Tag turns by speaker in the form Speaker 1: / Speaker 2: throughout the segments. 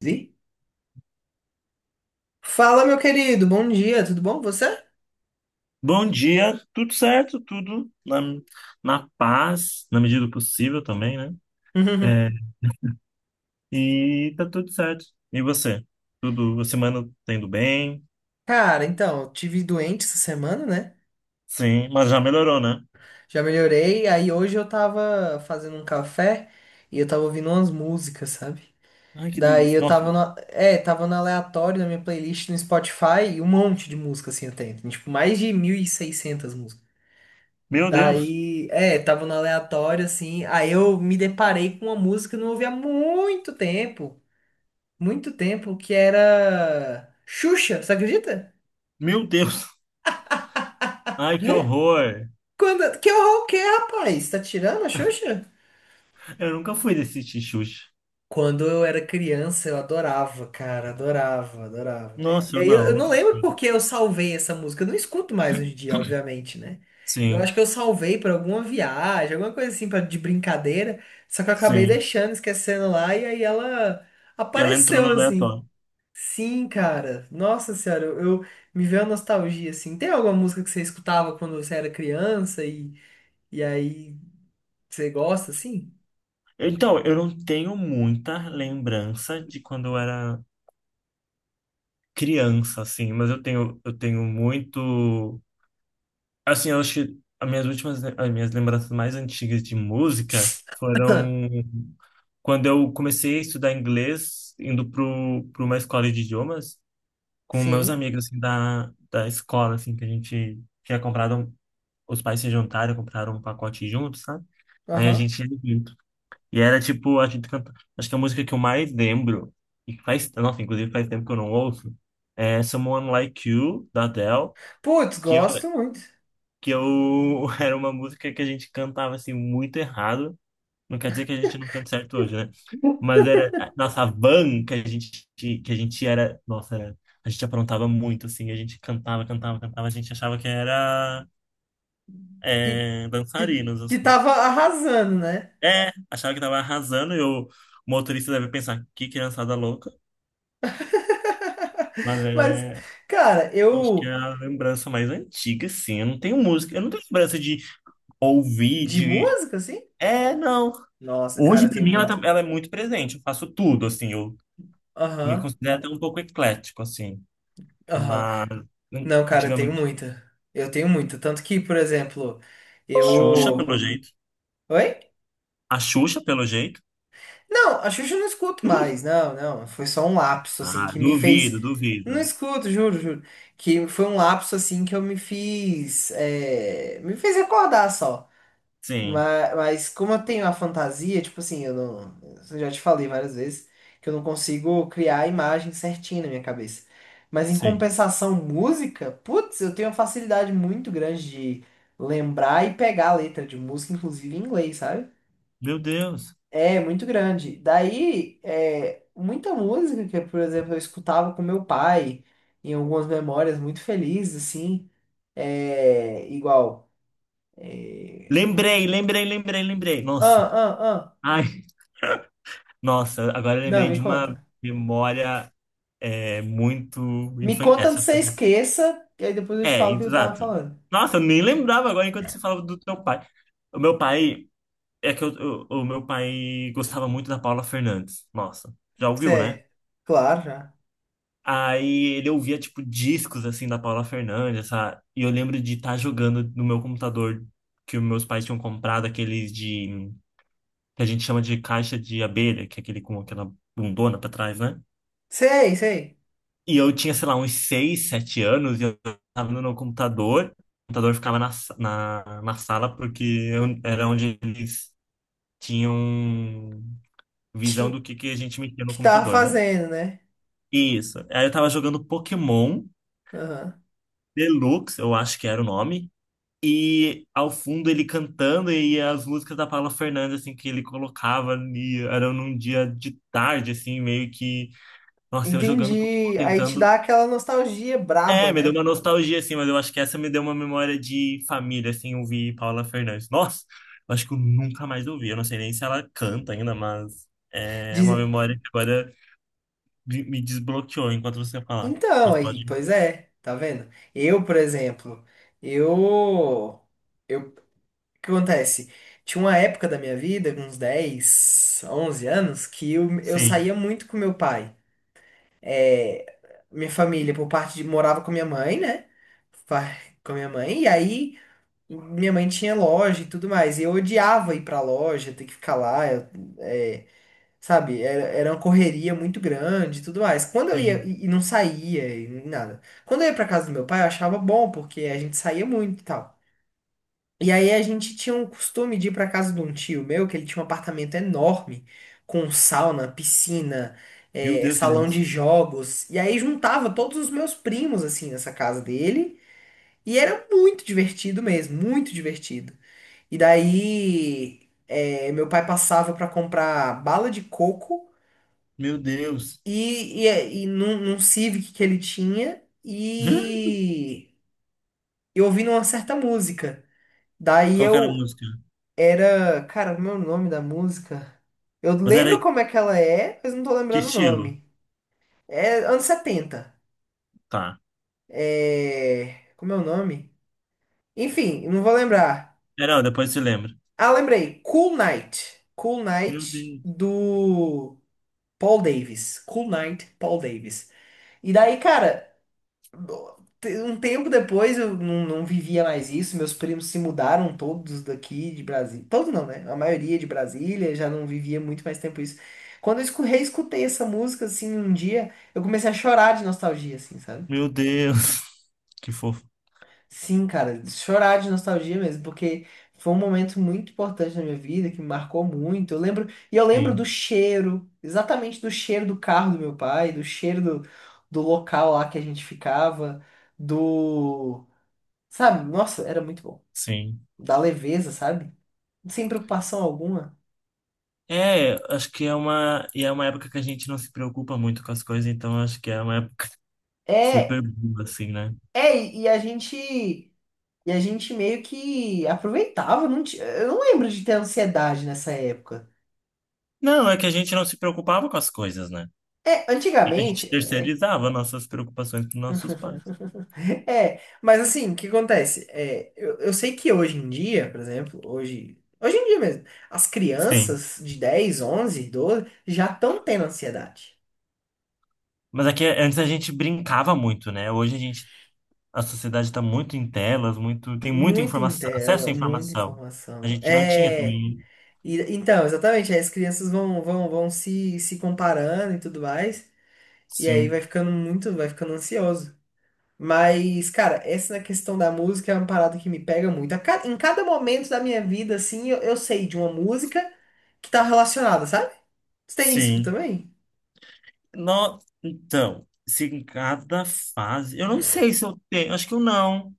Speaker 1: Vi? Fala, meu querido, bom dia, tudo bom? Você?
Speaker 2: Bom dia, tudo certo, tudo na paz, na medida do possível também, né? É, e tá tudo certo. E você? Tudo, a semana tá indo bem?
Speaker 1: Cara, então, eu tive doente essa semana, né?
Speaker 2: Sim, mas já melhorou, né?
Speaker 1: Já melhorei, aí hoje eu tava fazendo um café e eu tava ouvindo umas músicas, sabe?
Speaker 2: Ai, que
Speaker 1: Daí
Speaker 2: delícia.
Speaker 1: eu
Speaker 2: Nossa,
Speaker 1: tava no aleatório na minha playlist no Spotify e um monte de música assim eu tem, tipo mais de 1.600 músicas.
Speaker 2: meu Deus,
Speaker 1: Daí, tava no aleatório assim, aí eu me deparei com uma música que eu não ouvia há muito tempo. Muito tempo que era Xuxa, você acredita?
Speaker 2: meu Deus. Ai, que horror.
Speaker 1: Que horror que é, rapaz? Tá tirando a Xuxa?
Speaker 2: Eu nunca fui desse tixuxa.
Speaker 1: Quando eu era criança, eu adorava, cara, adorava, adorava.
Speaker 2: Nossa,
Speaker 1: E
Speaker 2: eu
Speaker 1: aí eu,
Speaker 2: não, eu
Speaker 1: eu não
Speaker 2: nunca
Speaker 1: lembro
Speaker 2: fui.
Speaker 1: porque eu salvei essa música. Eu não escuto mais hoje em dia, obviamente, né? Eu acho
Speaker 2: Sim,
Speaker 1: que eu salvei pra alguma viagem, alguma coisa assim pra, de brincadeira. Só que eu acabei
Speaker 2: sim.
Speaker 1: deixando, esquecendo lá, e aí ela
Speaker 2: E ela entrou no
Speaker 1: apareceu assim.
Speaker 2: aleatório.
Speaker 1: Sim, cara. Nossa senhora, me veio a nostalgia, assim. Tem alguma música que você escutava quando você era criança e aí você gosta, assim?
Speaker 2: Então, eu não tenho muita lembrança de quando eu era criança, assim, mas eu tenho muito. Assim, eu acho que as minhas últimas, as minhas lembranças mais antigas de música foram quando eu comecei a estudar inglês, indo pro uma escola de idiomas, com meus
Speaker 1: Sim.
Speaker 2: amigos, assim, da escola, assim, que a gente tinha comprado, os pais se juntaram, compraram um pacote junto, sabe? Aí a
Speaker 1: Aham.
Speaker 2: gente e era tipo, acho que a música que eu mais lembro, e que faz, nossa, inclusive faz tempo que eu não ouço, é Someone Like You, da Adele,
Speaker 1: Putz,
Speaker 2: que eu,
Speaker 1: gosto muito.
Speaker 2: que eu era uma música que a gente cantava assim muito errado. Não quer dizer que a gente não canta certo hoje, né? Mas era a nossa van que a gente era, nossa, era, a gente aprontava muito assim, a gente cantava, cantava, cantava, a gente achava que era
Speaker 1: Que, que,
Speaker 2: dançarinos
Speaker 1: que
Speaker 2: assim.
Speaker 1: tava arrasando, né?
Speaker 2: É, achava que tava arrasando e o motorista deve pensar, que criançada louca. Mas
Speaker 1: Mas,
Speaker 2: é,
Speaker 1: cara,
Speaker 2: eu acho que
Speaker 1: eu.
Speaker 2: é a lembrança mais antiga, sim. Eu não tenho música, eu não tenho lembrança de ouvir,
Speaker 1: De
Speaker 2: de.
Speaker 1: música, assim?
Speaker 2: É, não.
Speaker 1: Nossa, cara,
Speaker 2: Hoje,
Speaker 1: eu
Speaker 2: pra
Speaker 1: tenho
Speaker 2: mim,
Speaker 1: muita.
Speaker 2: ela é muito presente. Eu faço tudo, assim. Eu me
Speaker 1: Aham,
Speaker 2: considero até um pouco eclético, assim.
Speaker 1: aham.
Speaker 2: Mas,
Speaker 1: Não, cara, eu tenho
Speaker 2: antigamente,
Speaker 1: muita. Eu tenho muita. Tanto que, por exemplo,
Speaker 2: Xuxa,
Speaker 1: eu.
Speaker 2: pelo jeito.
Speaker 1: Oi?
Speaker 2: A Xuxa, pelo jeito.
Speaker 1: Não, a Xuxa eu não escuto mais. Não, não. Foi só um lapso, assim,
Speaker 2: Ah,
Speaker 1: que me fez.
Speaker 2: duvido,
Speaker 1: Não
Speaker 2: duvido.
Speaker 1: escuto, juro, juro. Que foi um lapso, assim, que eu me fiz. Me fez recordar só.
Speaker 2: Sim,
Speaker 1: Mas como eu tenho a fantasia, tipo assim, eu não. Eu já te falei várias vezes que eu não consigo criar a imagem certinha na minha cabeça. Mas em
Speaker 2: sim.
Speaker 1: compensação, música, putz, eu tenho uma facilidade muito grande de lembrar e pegar a letra de música, inclusive em inglês, sabe?
Speaker 2: Meu Deus.
Speaker 1: É, muito grande. Daí, muita música que, por exemplo, eu escutava com meu pai, em algumas memórias muito felizes, assim, igual. é,
Speaker 2: Lembrei, lembrei, lembrei, lembrei. Nossa.
Speaker 1: Ah, ah, ah.
Speaker 2: Ai, nossa, agora eu
Speaker 1: Não,
Speaker 2: lembrei
Speaker 1: me
Speaker 2: de uma
Speaker 1: conta.
Speaker 2: memória é muito
Speaker 1: Me
Speaker 2: infantil.
Speaker 1: conta antes
Speaker 2: Essa
Speaker 1: que você
Speaker 2: foi.
Speaker 1: esqueça, e aí depois eu te
Speaker 2: É,
Speaker 1: falo o que eu tava
Speaker 2: exato.
Speaker 1: falando.
Speaker 2: Nossa, eu nem lembrava agora enquanto você falava do teu pai. O meu pai. É que o meu pai gostava muito da Paula Fernandes. Nossa, já
Speaker 1: Cê,
Speaker 2: ouviu, né?
Speaker 1: claro, já.
Speaker 2: Aí ele ouvia, tipo, discos, assim, da Paula Fernandes, e eu lembro de estar jogando no meu computador que os meus pais tinham comprado, aqueles que a gente chama de caixa de abelha, que é aquele com aquela bundona pra trás, né?
Speaker 1: Sei, sei.
Speaker 2: E eu tinha, sei lá, uns 6, 7 anos, e eu tava no meu computador. O computador ficava na sala, porque era onde eles tinham visão
Speaker 1: Ti-
Speaker 2: do que a gente metia no
Speaker 1: que tava
Speaker 2: computador, né?
Speaker 1: fazendo, né?
Speaker 2: Isso. Aí eu tava jogando Pokémon
Speaker 1: Aham.
Speaker 2: Deluxe, eu acho que era o nome. E ao fundo ele cantando e as músicas da Paula Fernandes, assim, que ele colocava, e era num dia de tarde, assim, meio que. Nossa, eu jogando Pokémon,
Speaker 1: Entendi. Aí te dá
Speaker 2: tentando
Speaker 1: aquela nostalgia braba,
Speaker 2: É, me deu
Speaker 1: né?
Speaker 2: uma nostalgia, assim, mas eu acho que essa me deu uma memória de família, assim, ouvir Paula Fernandes. Nossa, eu acho que eu nunca mais ouvi. Eu não sei nem se ela canta ainda, mas é uma
Speaker 1: Diz-
Speaker 2: memória que agora me desbloqueou enquanto você falar.
Speaker 1: Então,
Speaker 2: Mas
Speaker 1: aí,
Speaker 2: pode.
Speaker 1: pois é, tá vendo? Eu, por exemplo, eu, o que acontece? Tinha uma época da minha vida, uns 10, 11 anos, que eu
Speaker 2: Sim,
Speaker 1: saía muito com meu pai. É, minha família, por parte de, morava com minha mãe, né? Fa- Com minha mãe, e aí minha mãe tinha loja e tudo mais, e eu odiava ir pra loja, ter que ficar lá. Sabe, era uma correria muito grande e tudo mais. Quando eu ia,
Speaker 2: sim.
Speaker 1: e não saía, e nada. Quando eu ia pra casa do meu pai, eu achava bom, porque a gente saía muito e tal. E aí a gente tinha um costume de ir pra casa de um tio meu, que ele tinha um apartamento enorme, com sauna, piscina,
Speaker 2: Meu Deus, que
Speaker 1: salão de
Speaker 2: delícia.
Speaker 1: jogos. E aí juntava todos os meus primos, assim, nessa casa dele. E era muito divertido mesmo, muito divertido. E daí, meu pai passava pra comprar bala de coco
Speaker 2: Meu Deus.
Speaker 1: e num Civic que ele tinha, e eu ouvindo uma certa música. Daí
Speaker 2: Qual que era a
Speaker 1: eu
Speaker 2: música?
Speaker 1: era, cara, como é o nome da música? Eu
Speaker 2: Mas era
Speaker 1: lembro como é que ela é, mas não tô
Speaker 2: que
Speaker 1: lembrando o
Speaker 2: estilo?
Speaker 1: nome. É anos 70.
Speaker 2: Tá.
Speaker 1: É, como é o nome? Enfim, não vou lembrar.
Speaker 2: É, não, depois se lembra.
Speaker 1: Ah, lembrei. Cool Night. Cool
Speaker 2: Meu
Speaker 1: Night
Speaker 2: Deus.
Speaker 1: do Paul Davis. Cool Night, Paul Davis. E daí, cara, um tempo depois eu não vivia mais isso, meus primos se mudaram todos daqui de Brasília. Todos não, né? A maioria de Brasília já não vivia muito mais tempo isso. Quando eu reescutei essa música, assim, um dia, eu comecei a chorar de nostalgia, assim, sabe?
Speaker 2: Meu Deus. Que fofo.
Speaker 1: Sim, cara, chorar de nostalgia mesmo, porque foi um momento muito importante na minha vida, que me marcou muito. Eu lembro, e eu lembro do
Speaker 2: Sim,
Speaker 1: cheiro, exatamente do cheiro do carro do meu pai, do cheiro do local lá que a gente ficava do. Sabe? Nossa, era muito bom.
Speaker 2: sim.
Speaker 1: Da leveza, sabe? Sem preocupação alguma.
Speaker 2: É, acho que é uma, e é uma época que a gente não se preocupa muito com as coisas, então acho que é uma época
Speaker 1: É,
Speaker 2: super boa, assim, né?
Speaker 1: é, e a gente meio que aproveitava, eu não lembro de ter ansiedade nessa época.
Speaker 2: Não, é que a gente não se preocupava com as coisas, né?
Speaker 1: É,
Speaker 2: E a gente
Speaker 1: antigamente.
Speaker 2: terceirizava nossas preocupações para nossos pais.
Speaker 1: Mas assim, o que acontece? É, eu sei que hoje em dia, por exemplo, hoje em dia mesmo, as
Speaker 2: Sim.
Speaker 1: crianças de 10, 11, 12 já estão tendo ansiedade.
Speaker 2: Mas é que antes a gente brincava muito, né? Hoje a gente, a sociedade está muito em telas, muito, tem muita
Speaker 1: Muito em
Speaker 2: informação, acesso
Speaker 1: tela,
Speaker 2: à
Speaker 1: muita
Speaker 2: informação. A
Speaker 1: informação.
Speaker 2: gente não tinha
Speaker 1: É.
Speaker 2: também.
Speaker 1: Então, exatamente, aí as crianças vão se comparando e tudo mais, e aí vai
Speaker 2: Sim.
Speaker 1: ficando muito, vai ficando ansioso. Mas, cara, essa questão da música é uma parada que me pega muito. Em cada momento da minha vida, assim, eu sei de uma música que tá relacionada, sabe? Você tem isso
Speaker 2: Sim.
Speaker 1: também?
Speaker 2: No, então, se em cada fase. Eu não sei se eu tenho. Acho que eu não.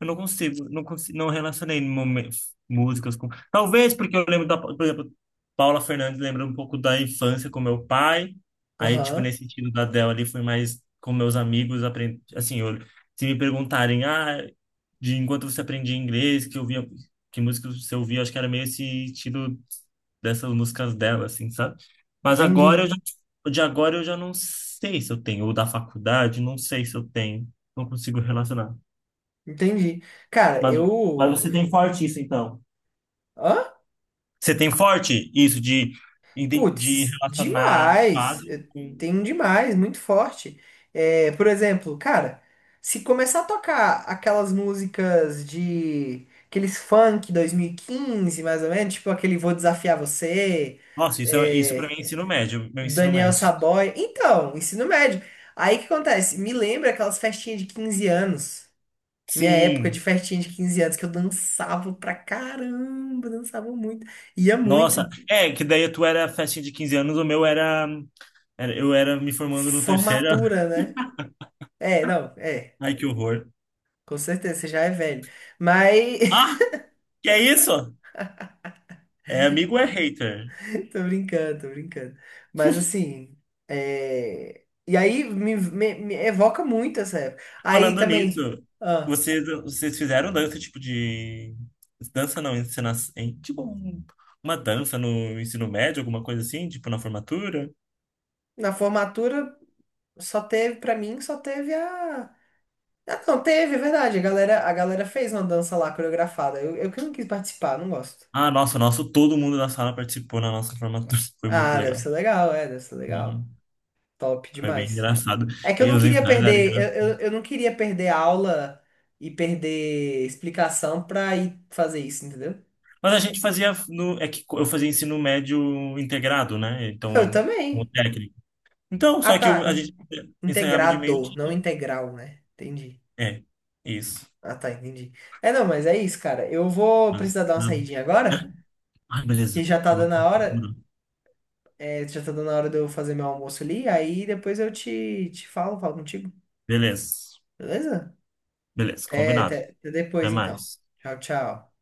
Speaker 2: Eu não consigo, não relacionei músicas com. Talvez porque eu lembro da, por exemplo, Paula Fernandes lembra um pouco da infância com meu pai. Aí, tipo,
Speaker 1: Aham,
Speaker 2: nesse sentido da Adele ali foi mais com meus amigos, aprendi, assim, se me perguntarem, ah, de enquanto você aprendia inglês, que eu via, que música você ouvia, acho que era meio esse estilo dessas músicas dela, assim, sabe? Mas agora eu
Speaker 1: entendi,
Speaker 2: já, de agora eu já não sei se eu tenho, ou da faculdade, não sei se eu tenho, não consigo relacionar.
Speaker 1: entendi. Cara,
Speaker 2: Mas, mas
Speaker 1: eu.
Speaker 2: você tem forte isso, então.
Speaker 1: Hã?
Speaker 2: Você tem forte isso de
Speaker 1: Putz,
Speaker 2: relacionar
Speaker 1: demais.
Speaker 2: fase
Speaker 1: Eu
Speaker 2: com.
Speaker 1: tenho um demais, muito forte. É, por exemplo, cara, se começar a tocar aquelas músicas de aqueles funk 2015, mais ou menos, tipo aquele Vou Desafiar Você,
Speaker 2: Nossa,
Speaker 1: é,
Speaker 2: isso, isso para mim é ensino
Speaker 1: é,
Speaker 2: médio, meu ensino
Speaker 1: Daniel
Speaker 2: médio.
Speaker 1: Saboia. Então, ensino médio. Aí o que acontece? Me lembra aquelas festinhas de 15 anos. Minha época de
Speaker 2: Sim,
Speaker 1: festinha de 15 anos, que eu dançava pra caramba, dançava muito. Ia muito.
Speaker 2: nossa. É, que daí tu era festinha de 15 anos, o meu era. Eu era me formando no terceiro.
Speaker 1: Formatura, né? É, não, é.
Speaker 2: Ai, que horror.
Speaker 1: Com certeza, você já é velho. Mas.
Speaker 2: Ah, que é isso? É amigo ou é hater?
Speaker 1: Tô brincando, tô brincando. Mas assim. E aí me evoca muito essa época. Aí
Speaker 2: Falando
Speaker 1: também.
Speaker 2: nisso,
Speaker 1: ah,
Speaker 2: vocês fizeram dança. Dança não, encenação, tipo um- uma dança no ensino médio, alguma coisa assim, tipo na formatura?
Speaker 1: Na formatura, só teve, pra mim, só teve a. Ah, não, teve, é verdade. A galera fez uma dança lá coreografada. Eu que não quis participar, não gosto.
Speaker 2: Ah, nossa, todo mundo da sala participou na nossa formatura, foi muito
Speaker 1: Ah, deve
Speaker 2: legal.
Speaker 1: ser legal, deve ser legal.
Speaker 2: Uhum.
Speaker 1: Top
Speaker 2: Foi bem
Speaker 1: demais.
Speaker 2: engraçado.
Speaker 1: É que eu
Speaker 2: E
Speaker 1: não
Speaker 2: os
Speaker 1: queria
Speaker 2: ensaios eram
Speaker 1: perder, eu,
Speaker 2: engraçados.
Speaker 1: eu, eu não queria perder aula e perder explicação pra ir fazer isso, entendeu?
Speaker 2: Mas a gente fazia, no, é que eu fazia ensino médio integrado, né? Então,
Speaker 1: Eu
Speaker 2: com o
Speaker 1: também.
Speaker 2: técnico. Então,
Speaker 1: Ah,
Speaker 2: só que
Speaker 1: tá.
Speaker 2: a gente ensaiava de meio-dia.
Speaker 1: Integrador, não integral, né? Entendi.
Speaker 2: É, isso.
Speaker 1: Ah, tá, entendi. É, não, mas é isso, cara. Eu vou
Speaker 2: Mas,
Speaker 1: precisar dar uma
Speaker 2: não.
Speaker 1: saidinha agora,
Speaker 2: Ai, beleza.
Speaker 1: que já tá dando a hora,
Speaker 2: Não.
Speaker 1: já tá dando a hora de eu fazer meu almoço ali, aí depois eu te falo contigo,
Speaker 2: Beleza.
Speaker 1: beleza?
Speaker 2: Beleza,
Speaker 1: Até,
Speaker 2: combinado.
Speaker 1: até até
Speaker 2: Até
Speaker 1: depois, então.
Speaker 2: mais.
Speaker 1: Tchau, tchau.